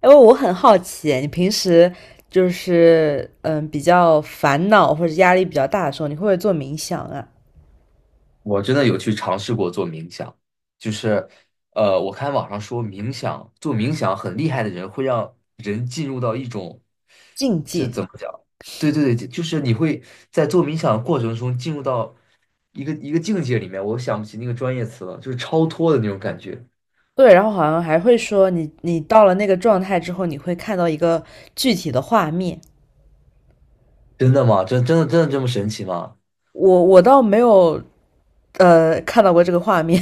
哎，我很好奇，你平时就是比较烦恼或者压力比较大的时候，你会不会做冥想啊、我真的有去尝试过做冥想，就是，我看网上说做冥想很厉害的人会让人进入到一种，静这寂？怎么讲？对对对，就是你会在做冥想的过程中进入到一个境界里面，我想不起那个专业词了，就是超脱的那种感觉。对，然后好像还会说你到了那个状态之后，你会看到一个具体的画面。真的吗？真的这么神奇吗？我倒没有看到过这个画面，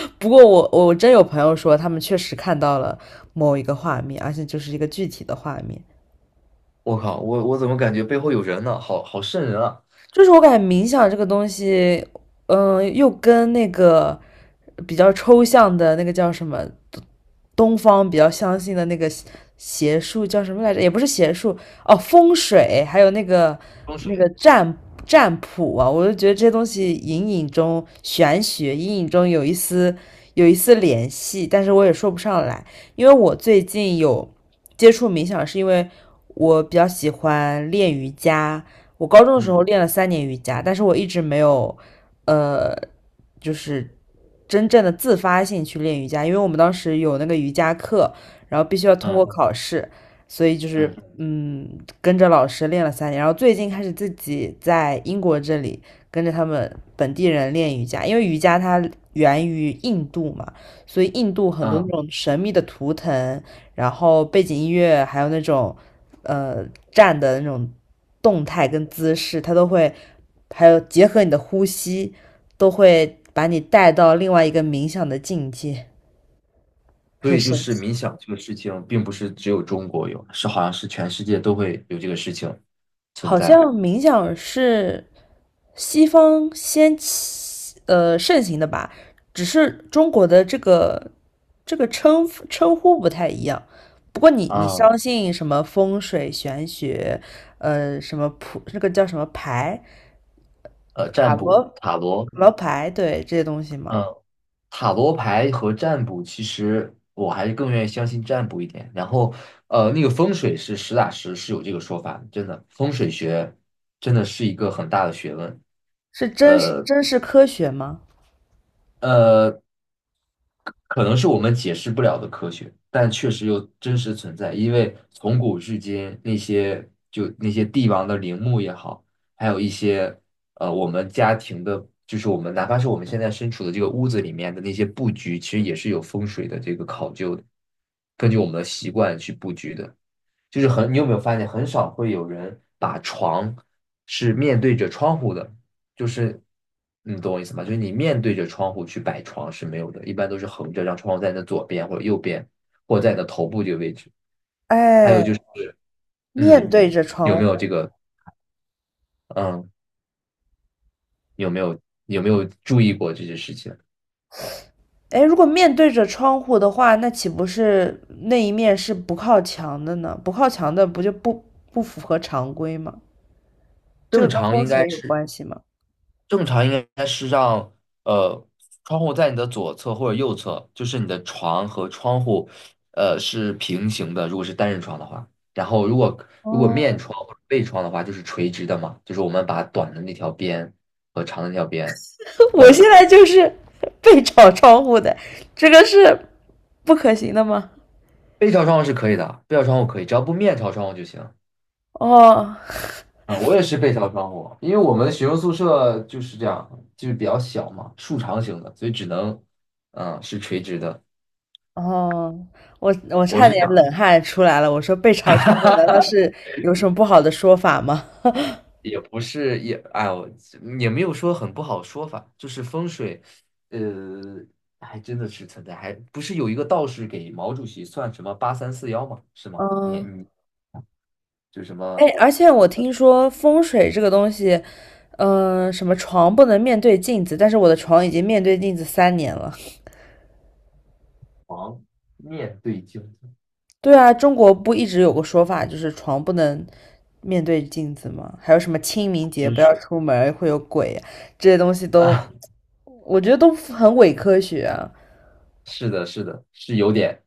不过我真有朋友说他们确实看到了某一个画面，而且就是一个具体的画面。我靠，我怎么感觉背后有人呢？好好瘆人啊！就是我感觉冥想这个东西，又跟那个比较抽象的那个叫什么东方比较相信的那个邪术叫什么来着？也不是邪术哦，风水，还有那个风那个水，占卜啊，我就觉得这些东西隐隐中玄学，隐隐中有一丝联系，但是我也说不上来，因为我最近有接触冥想，是因为我比较喜欢练瑜伽。我高中的时候嗯练了三年瑜伽，但是我一直没有呃，就是真正的自发性去练瑜伽，因为我们当时有那个瑜伽课，然后必须要通过嗯考试，所以就是嗯嗯，跟着老师练了三年，然后最近开始自己在英国这里跟着他们本地人练瑜伽，因为瑜伽它源于印度嘛，所以印度很多嗯。那种神秘的图腾。然后背景音乐还有那种呃站的那种动态跟姿势，它都会，还有结合你的呼吸，都会把你带到另外一个冥想的境界，所很以就神是奇。冥想这个事情，并不是只有中国有，好像是全世界都会有这个事情存好像在冥想是西方先盛行的吧，只是中国的这个称呼不太一样。不过你啊。相信什么风水玄学，什么那个叫什么牌，塔占罗卜、塔罗，塔罗牌，对这些东西吗？嗯，塔罗牌和占卜，其实我还是更愿意相信占卜一点。然后，那个风水是实打实是有这个说法的，真的，风水学真的是一个很大的学问。是真是科学吗？呃，可能是我们解释不了的科学，但确实又真实存在。因为从古至今，那些帝王的陵墓也好，还有一些我们家庭的，就是我们哪怕是我们现在身处的这个屋子里面的那些布局，其实也是有风水的这个考究的，根据我们的习惯去布局的。就是很，你有没有发现很少会有人把床是面对着窗户的，就是你懂我意思吗？就是你面对着窗户去摆床是没有的，一般都是横着，让窗户在你的左边或者右边，或者在你的头部这个位置。还有，哎，面嗯，对着有窗没户，有这个，嗯，有没有有没有注意过这些事情？哎，如果面对着窗户的话，那岂不是那一面是不靠墙的呢？不靠墙的不就不符合常规吗？这正个跟常风应水该有是关系吗？正常应该是让呃窗户在你的左侧或者右侧，就是你的床和窗户是平行的，如果是单人床的话。然后如果面哦，窗或者背窗的话，就是垂直的嘛，就是我们把短的那条边和长的那条边，短我现的在就是背朝 窗户的，这个是不可行的吗？背朝窗户是可以的，背朝窗户可以，只要不面朝窗户就行。哦，啊，我也是背朝窗户，因为我们学生宿舍就是这样，就是比较小嘛，竖长型的，所以只能是垂直的。哦，我我差是点想。冷汗出来了。我说被潮闯户，难道是有什么不好的说法吗？也不是，哎呦，也没有说很不好说法，就是风水，呃，还真的是存在，还不是有一个道士给毛主席算什么八三四幺嘛，是吗？你嗯，你就什哎，么而且我听说风水这个东西，什么床不能面对镜子，但是我的床已经面对镜子三年了。王念对经。对啊，中国不一直有个说法，就是床不能面对镜子吗？还有什么清明节真不要是 出门会有鬼啊，这些东西 都，啊，我觉得都很伪科学啊。是的，是的，是有点。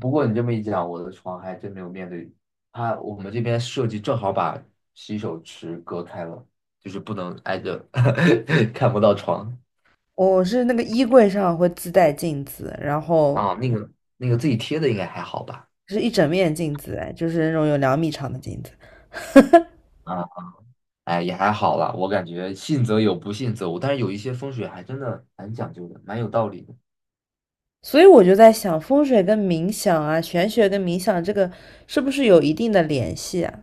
不过你这么一讲，我的床还真没有面对它，我们这边设计正好把洗手池隔开了，就是不能挨着，看不到床我是那个衣柜上会自带镜子，然后啊。那个自己贴的应该还好吧？是一整面镜子，哎，就是那种有2米长的镜子。啊，哎，也还好啦，我感觉信则有，不信则无。但是有一些风水还真的蛮讲究的，蛮有道理的。所以我就在想，风水跟冥想啊，玄学跟冥想这个是不是有一定的联系啊？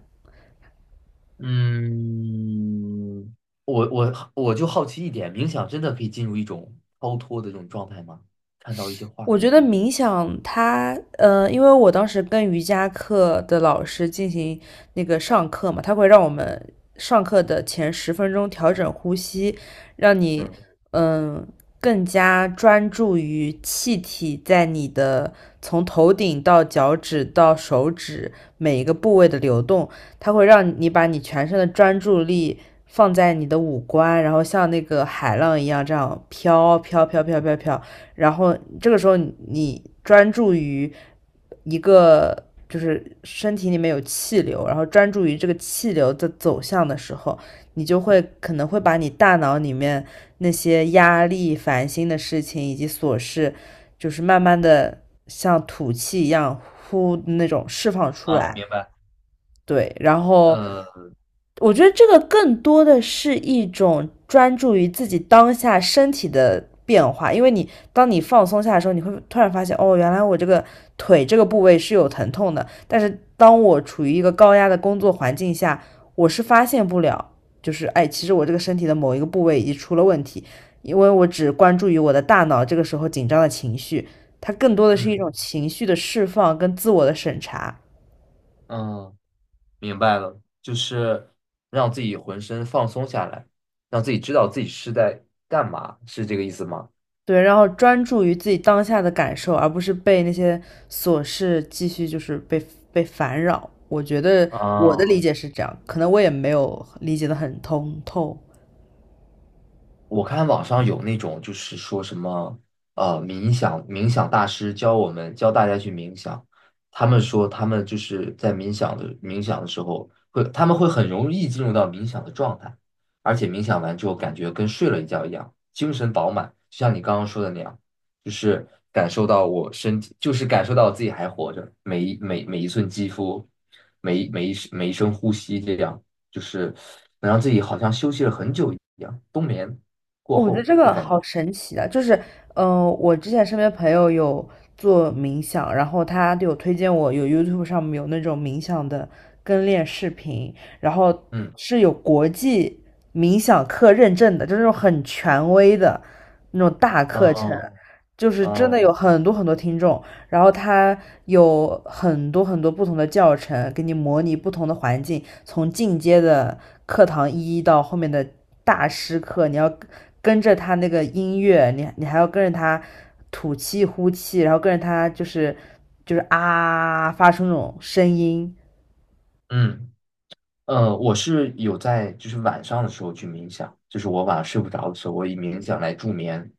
嗯，我就好奇一点，冥想真的可以进入一种超脱的这种状态吗？看到一些画我面。觉得冥想它，因为我当时跟瑜伽课的老师进行那个上课嘛，他会让我们上课的前10分钟调整呼吸，让你，嗯，嗯，更加专注于气体在你的从头顶到脚趾到手指每一个部位的流动，它会让你把你全身的专注力放在你的五官，然后像那个海浪一样这样飘飘飘飘飘飘飘。然后这个时候你专注于一个就是身体里面有气流，然后专注于这个气流的走向的时候，你就会可能会把你大脑里面那些压力、烦心的事情以及琐事，就是慢慢的像吐气一样呼那种释放出啊，来。明白。对，然后呃，我觉得这个更多的是一种专注于自己当下身体的变化，因为你当你放松下的时候，你会突然发现，哦，原来我这个腿这个部位是有疼痛的，但是当我处于一个高压的工作环境下，我是发现不了，就是哎，其实我这个身体的某一个部位已经出了问题，因为我只关注于我的大脑这个时候紧张的情绪，它更多的是一嗯种情绪的释放跟自我的审查。嗯，明白了，就是让自己浑身放松下来，让自己知道自己是在干嘛，是这个意思吗？对，然后专注于自己当下的感受，而不是被那些琐事继续就是被烦扰。我觉得我的啊，理解是这样，可能我也没有理解的很通透。我看网上有那种就是说什么冥想大师教我们教大家去冥想，他们说他们就是在冥想的时候他们会很容易进入到冥想的状态，而且冥想完之后感觉跟睡了一觉一样，精神饱满，就像你刚刚说的那样，就是感受到我身体，就是感受到自己还活着，每一寸肌肤，每一声呼吸，这样就是能让自己好像休息了很久一样，冬眠。过哦我觉得后这的个感觉。好神奇啊！就是，我之前身边朋友有做冥想，然后他就有推荐我，有 YouTube 上面有那种冥想的跟练视频，然后嗯，是有国际冥想课认证的，就是那种很权威的那种大课程，哦，哦就是真的有嗯很多很多听众，然后他有很多很多不同的教程，给你模拟不同的环境，从进阶的课堂一到后面的大师课，你要。跟着他那个音乐，你还要跟着他吐气呼气，然后跟着他就是啊发出那种声音。嗯我是有在就是晚上的时候去冥想，就是我晚上睡不着的时候，我以冥想来助眠，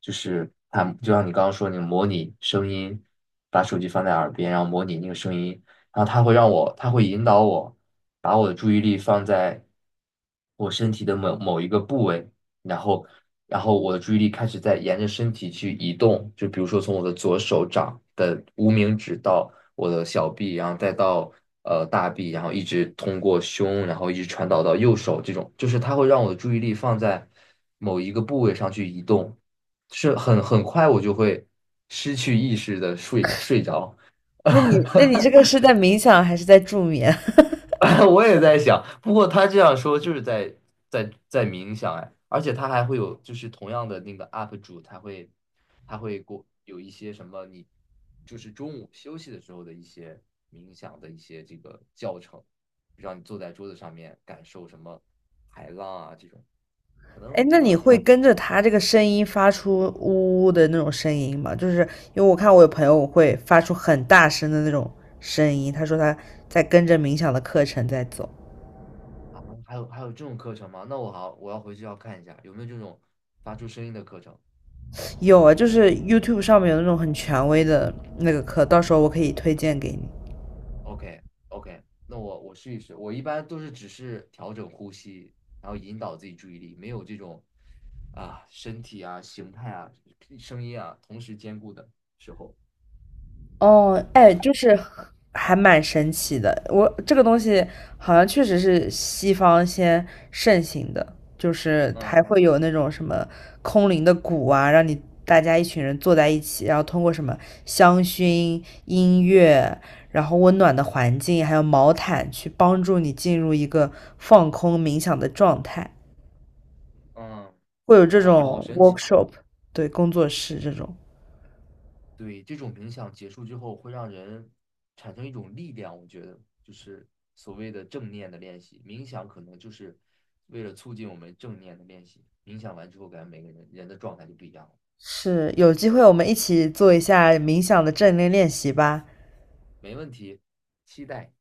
就是它就像你刚刚说，你模拟声音，把手机放在耳边，然后模拟那个声音，然后它会让我，它会引导我把我的注意力放在我身体的某某一个部位，然后我的注意力开始在沿着身体去移动，就比如说从我的左手掌的无名指到我的小臂，然后再到大臂，然后一直通过胸，然后一直传导到右手，这种就是它会让我的注意力放在某一个部位上去移动，是很很快我就会失去意识的睡着。那你这个 是在冥想还是在助眠？我也在想，不过他这样说就是在冥想哎，而且他还会有就是同样的那个 UP 主，他会过有一些什么你就是中午休息的时候的一些冥想的一些这个教程，让你坐在桌子上面感受什么海浪啊这种，可 哎，能那你啊。会跟着他这个声音发出呜呜的那种声音吗？就是因为我看我有朋友会发出很大声的那种声音，他说他在跟着冥想的课程在走。啊，还有这种课程吗？那我好我要回去要看一下有没有这种发出声音的课程。有啊，就是 YouTube 上面有那种很权威的那个课，到时候我可以推荐给你。OK OK，那我试一试。我一般都是只是调整呼吸，然后引导自己注意力，没有这种啊身体啊形态啊声音啊同时兼顾的时候。哦，哎，就是还蛮神奇的。我这个东西好像确实是西方先盛行的，就是嗯还会有那种什么空灵的鼓啊，让你大家一群人坐在一起，然后通过什么香薰、音乐，然后温暖的环境，还有毛毯去帮助你进入一个放空冥想的状态，嗯，会有这哎呦，好种 神奇啊！workshop，对，工作室这种。对，这种冥想结束之后，会让人产生一种力量。我觉得，就是所谓的正念的练习，冥想可能就是为了促进我们正念的练习。冥想完之后，感觉每个人人的状态就不一样了。是，有机会我们一起做一下冥想的正念练习吧。没问题，期待。